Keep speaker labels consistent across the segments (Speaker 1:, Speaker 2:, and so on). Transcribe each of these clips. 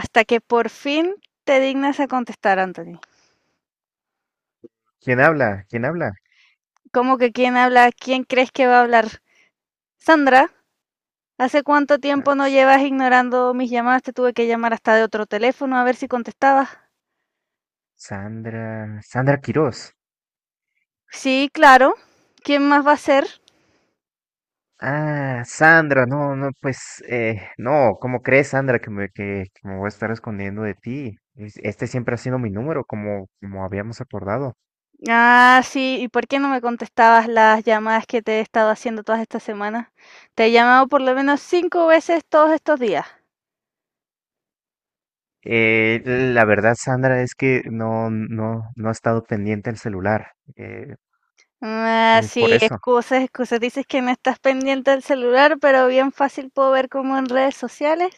Speaker 1: Hasta que por fin te dignas a contestar, Anthony.
Speaker 2: ¿Quién habla? ¿Quién habla?
Speaker 1: ¿Cómo que quién habla? ¿Quién crees que va a hablar? Sandra, ¿hace cuánto
Speaker 2: Ah,
Speaker 1: tiempo no
Speaker 2: S-
Speaker 1: llevas ignorando mis llamadas? Te tuve que llamar hasta de otro teléfono a ver si contestabas.
Speaker 2: Sandra, Sandra Quirós.
Speaker 1: Sí, claro. ¿Quién más va a ser?
Speaker 2: Ah, Sandra, no, no, ¿cómo crees, Sandra, que me voy a estar escondiendo de ti? Este siempre ha sido mi número, como habíamos acordado.
Speaker 1: Ah, sí, ¿y por qué no me contestabas las llamadas que te he estado haciendo todas estas semanas? Te he llamado por lo menos cinco veces todos estos días.
Speaker 2: La verdad, Sandra, es que no ha estado pendiente el celular.
Speaker 1: Ah,
Speaker 2: Es por
Speaker 1: sí,
Speaker 2: eso.
Speaker 1: excusas, excusas. Dices que no estás pendiente del celular, pero bien fácil puedo ver como en redes sociales,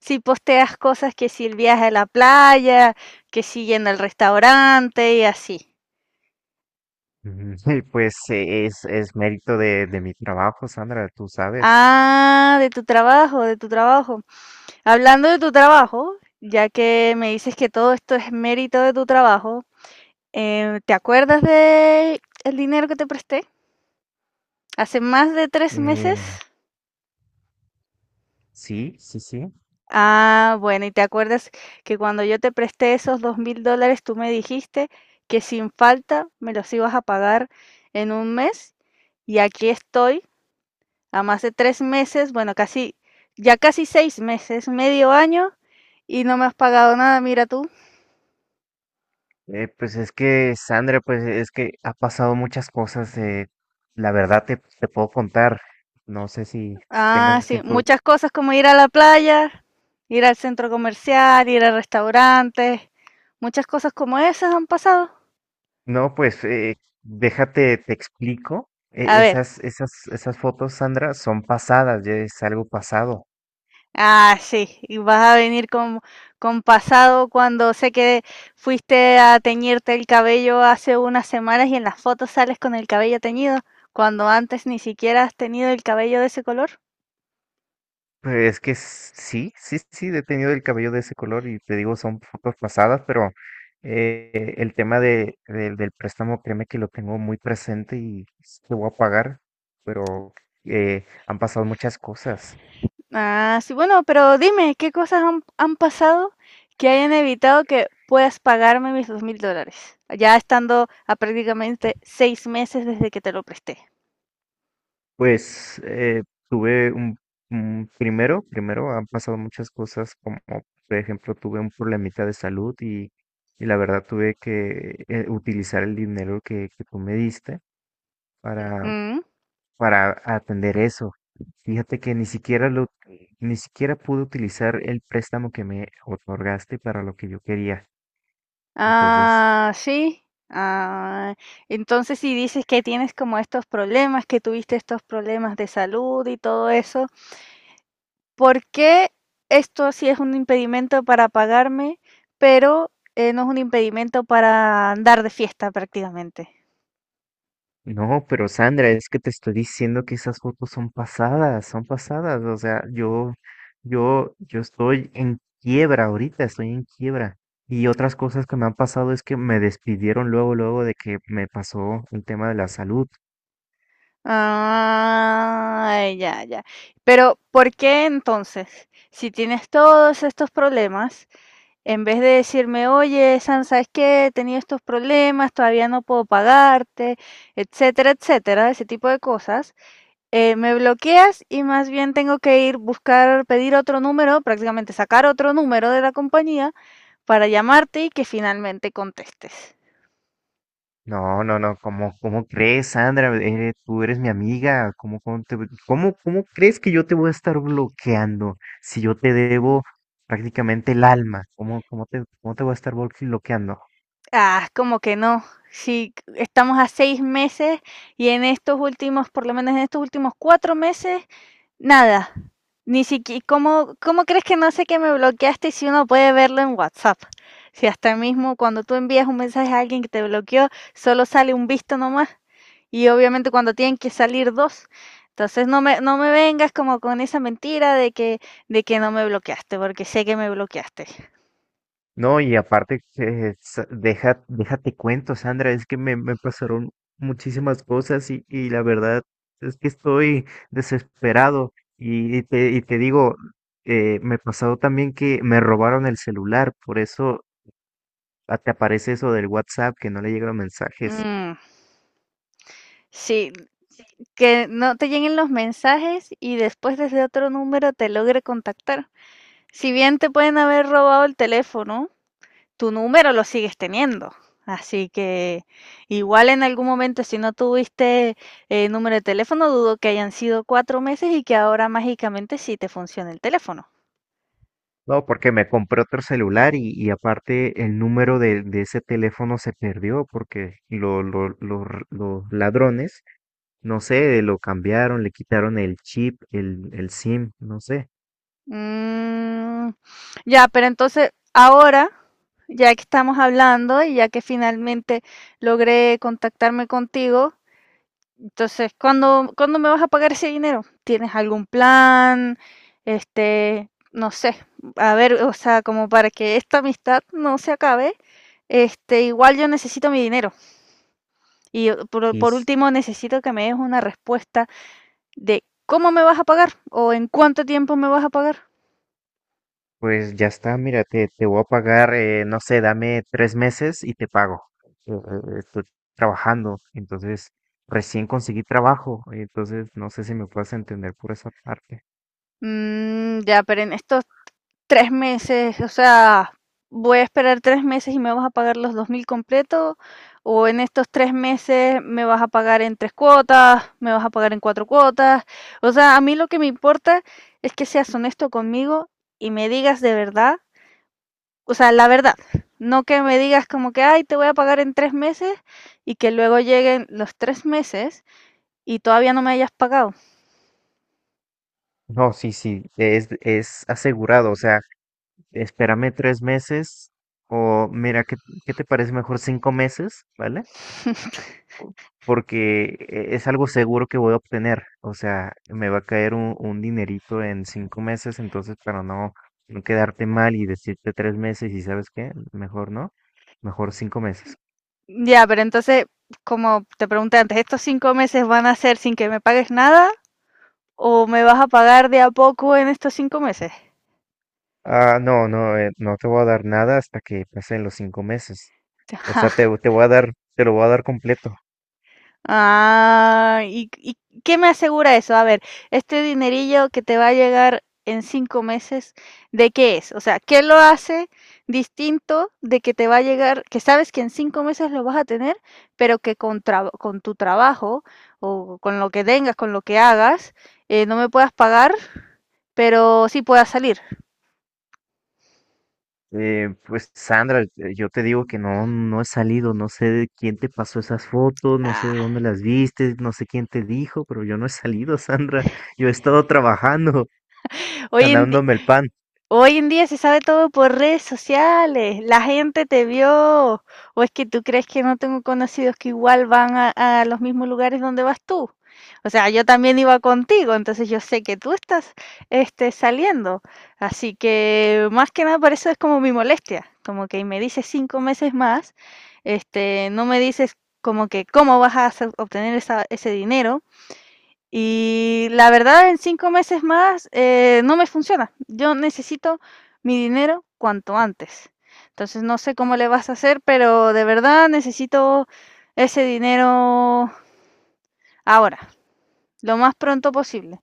Speaker 1: si posteas cosas que si el viaje a la playa, que si yendo al restaurante y así.
Speaker 2: Ujú. Y pues es mérito de mi trabajo, Sandra, tú sabes.
Speaker 1: Ah, de tu trabajo, de tu trabajo. Hablando de tu trabajo, ya que me dices que todo esto es mérito de tu trabajo, ¿te acuerdas de el dinero que te presté? Hace más de 3 meses.
Speaker 2: Eh, sí.
Speaker 1: Ah, bueno, y te acuerdas que cuando yo te presté esos $2,000, tú me dijiste que sin falta me los ibas a pagar en un mes, y aquí estoy a más de 3 meses, bueno, casi, ya casi 6 meses, medio año, y no me has pagado nada, mira tú.
Speaker 2: Pues es que, Sandra, pues es que ha pasado muchas cosas. La verdad te puedo contar. No sé si
Speaker 1: Ah,
Speaker 2: tengas
Speaker 1: sí,
Speaker 2: tiempo.
Speaker 1: muchas cosas como ir a la playa, ir al centro comercial, ir a restaurantes, muchas cosas como esas han pasado.
Speaker 2: No, déjate, te explico.
Speaker 1: A ver.
Speaker 2: Esas fotos, Sandra, son pasadas, ya es algo pasado.
Speaker 1: Ah, sí, y vas a venir con pasado cuando sé que fuiste a teñirte el cabello hace unas semanas y en las fotos sales con el cabello teñido, cuando antes ni siquiera has tenido el cabello de ese color.
Speaker 2: Pues, es que sí, he tenido el cabello de ese color y te digo, son fotos pasadas, pero el tema de, del préstamo, créeme que lo tengo muy presente y lo voy a pagar, pero han pasado muchas cosas.
Speaker 1: Ah, sí, bueno, pero dime, ¿qué cosas han pasado que hayan evitado que puedas pagarme mis $2,000? Ya estando a prácticamente 6 meses desde que te lo presté.
Speaker 2: Pues eh, tuve un, primero, primero han pasado muchas cosas, como por ejemplo tuve un problemita de salud y la verdad tuve que utilizar el dinero que tú me diste para
Speaker 1: ¿Mm?
Speaker 2: para atender eso. Fíjate que ni siquiera lo, Ni siquiera pude utilizar el préstamo que me otorgaste para lo que yo quería. Entonces,
Speaker 1: Ah, sí. Ah, entonces si dices que tienes como estos problemas, que tuviste estos problemas de salud y todo eso, ¿por qué esto sí es un impedimento para pagarme, pero no es un impedimento para andar de fiesta prácticamente?
Speaker 2: no, pero Sandra, es que te estoy diciendo que esas fotos son pasadas, son pasadas. O sea, yo estoy en quiebra ahorita, estoy en quiebra. Y otras cosas que me han pasado es que me despidieron luego, luego de que me pasó el tema de la salud.
Speaker 1: Ah, ya, ya. Pero ¿por qué entonces, si tienes todos estos problemas, en vez de decirme, oye, San, ¿sabes qué? He tenido estos problemas, todavía no puedo pagarte, etcétera, etcétera, ese tipo de cosas, me bloqueas y más bien tengo que ir buscar, pedir otro número, prácticamente sacar otro número de la compañía para llamarte y que finalmente contestes.
Speaker 2: No, no, no, ¿cómo, cómo crees, Sandra? Tú eres mi amiga. ¿Cómo cómo crees que yo te voy a estar bloqueando si yo te debo prácticamente el alma? ¿Cómo cómo te voy a estar bloqueando?
Speaker 1: Ah, como que no. Si estamos a 6 meses y en estos últimos, por lo menos en estos últimos 4 meses, nada, ni siquiera. ¿Cómo crees que no sé que me bloqueaste si uno puede verlo en WhatsApp? Si hasta mismo cuando tú envías un mensaje a alguien que te bloqueó, solo sale un visto nomás. Y obviamente cuando tienen que salir dos. Entonces no me vengas como con esa mentira de que no me bloqueaste, porque sé que me bloqueaste.
Speaker 2: No, y aparte, déjate cuento, Sandra, es que me pasaron muchísimas cosas y la verdad es que estoy desesperado. Y, y te digo, me pasó también que me robaron el celular, por eso. Ah, te aparece eso del WhatsApp, que no le llegan los mensajes.
Speaker 1: Mm, sí, que no te lleguen los mensajes y después desde otro número te logre contactar. Si bien te pueden haber robado el teléfono, tu número lo sigues teniendo. Así que igual en algún momento, si no tuviste número de teléfono, dudo que hayan sido 4 meses y que ahora mágicamente sí te funcione el teléfono.
Speaker 2: No, porque me compré otro celular y aparte el número de ese teléfono se perdió porque los ladrones, no sé, lo cambiaron, le quitaron el chip, el SIM, no sé.
Speaker 1: Mm, ya, pero entonces ahora, ya que estamos hablando y ya que finalmente logré contactarme contigo, entonces, ¿cuándo me vas a pagar ese dinero? ¿Tienes algún plan? Este, no sé, a ver, o sea, como para que esta amistad no se acabe, este, igual yo necesito mi dinero. Y por,
Speaker 2: Y
Speaker 1: por
Speaker 2: s-
Speaker 1: último, necesito que me des una respuesta de cómo me vas a pagar o en cuánto tiempo me vas a pagar.
Speaker 2: pues ya está, mira, te voy a pagar, no sé, dame tres meses y te pago. Estoy trabajando, entonces recién conseguí trabajo, entonces no sé si me puedes entender por esa parte.
Speaker 1: Mm, ya, pero en esto 3 meses, o sea, voy a esperar 3 meses y me vas a pagar los 2,000 completo, o en estos 3 meses me vas a pagar en 3 cuotas, me vas a pagar en 4 cuotas. O sea, a mí lo que me importa es que seas honesto conmigo y me digas de verdad, o sea, la verdad. No que me digas como que, ay, te voy a pagar en 3 meses y que luego lleguen los 3 meses y todavía no me hayas pagado.
Speaker 2: No, sí, sí, es asegurado, o sea, espérame tres meses o mira, ¿qué te parece mejor cinco meses? ¿Vale? Porque es algo seguro que voy a obtener, o sea, me va a caer un dinerito en cinco meses, entonces para no, no quedarte mal y decirte tres meses y sabes qué, mejor no, mejor cinco meses.
Speaker 1: Ya, pero entonces como te pregunté antes, ¿estos 5 meses van a ser sin que me pagues nada? ¿O me vas a pagar de a poco en estos 5 meses?
Speaker 2: Ah, no, no, no te voy a dar nada hasta que pasen los cinco meses, o sea, te lo voy a dar completo.
Speaker 1: Ah, ¿Y qué me asegura eso? A ver, este dinerillo que te va a llegar en 5 meses, ¿de qué es? O sea, ¿qué lo hace distinto de que te va a llegar, que sabes que en 5 meses lo vas a tener, pero que con tu trabajo o con lo que tengas, con lo que hagas, no me puedas pagar, pero sí puedas salir?
Speaker 2: Pues Sandra, yo te digo que no, no he salido, no sé de quién te pasó esas fotos, no sé de
Speaker 1: Ah,
Speaker 2: dónde las viste, no sé quién te dijo, pero yo no he salido, Sandra. Yo he estado trabajando,
Speaker 1: oye,
Speaker 2: ganándome el pan.
Speaker 1: hoy en día se sabe todo por redes sociales, la gente te vio, o es que tú crees que no tengo conocidos que igual van a los mismos lugares donde vas tú. O sea, yo también iba contigo, entonces yo sé que tú estás saliendo. Así que más que nada por eso es como mi molestia, como que me dices 5 meses más, no me dices como que cómo vas a obtener ese dinero, y la verdad, en 5 meses más no me funciona. Yo necesito mi dinero cuanto antes. Entonces no sé cómo le vas a hacer, pero de verdad necesito ese dinero ahora, lo más pronto posible.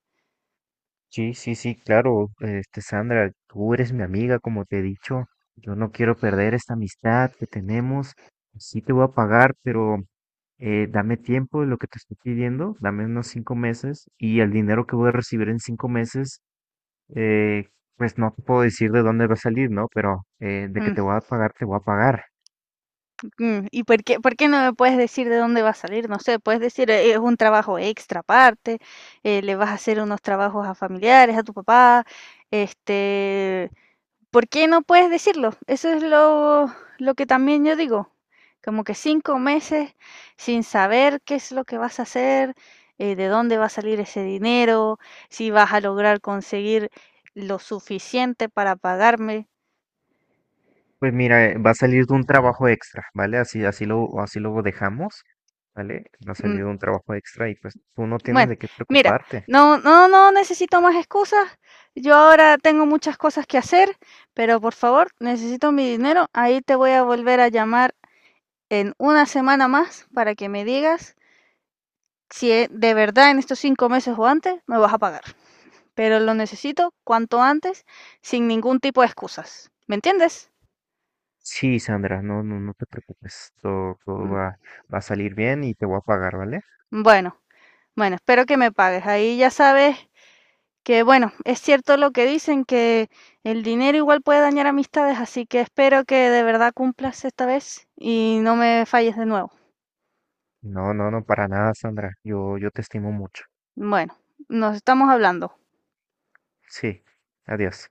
Speaker 2: Sí, sí, sí, claro, este, Sandra, tú eres mi amiga, como te he dicho. Yo no quiero perder esta amistad que tenemos. Sí te voy a pagar, pero dame tiempo de lo que te estoy pidiendo, dame unos cinco meses y el dinero que voy a recibir en cinco meses, eh, pues no te puedo decir de dónde va a salir, ¿no? Pero de que
Speaker 1: Mm,
Speaker 2: te voy a pagar, te voy a pagar.
Speaker 1: mm. ¿Y por qué no me puedes decir de dónde va a salir? No sé, puedes decir, es un trabajo extra aparte, le vas a hacer unos trabajos a familiares, a tu papá, este, ¿por qué no puedes decirlo? Eso es lo que también yo digo. Como que 5 meses sin saber qué es lo que vas a hacer, de dónde va a salir ese dinero, si vas a lograr conseguir lo suficiente para pagarme.
Speaker 2: Pues mira, va a salir de un trabajo extra, ¿vale? Así, así lo dejamos, ¿vale? Va a salir
Speaker 1: Mm,
Speaker 2: de un trabajo extra y pues tú no tienes
Speaker 1: bueno,
Speaker 2: de qué
Speaker 1: mira,
Speaker 2: preocuparte.
Speaker 1: no, no, no necesito más excusas. Yo ahora tengo muchas cosas que hacer, pero por favor, necesito mi dinero. Ahí te voy a volver a llamar en una semana más para que me digas si de verdad en estos 5 meses o antes me vas a pagar, pero lo necesito cuanto antes, sin ningún tipo de excusas. ¿Me entiendes?
Speaker 2: Sí, Sandra, no, no, no te preocupes. Todo,
Speaker 1: Mm,
Speaker 2: va a salir bien y te voy a pagar, ¿vale?
Speaker 1: bueno, bueno, espero que me pagues. Ahí ya sabes que, bueno, es cierto lo que dicen, que el dinero igual puede dañar amistades, así que espero que de verdad cumplas esta vez y no me falles de nuevo.
Speaker 2: No, no, no, para nada, Sandra. Yo te estimo mucho.
Speaker 1: Bueno, nos estamos hablando.
Speaker 2: Sí, adiós.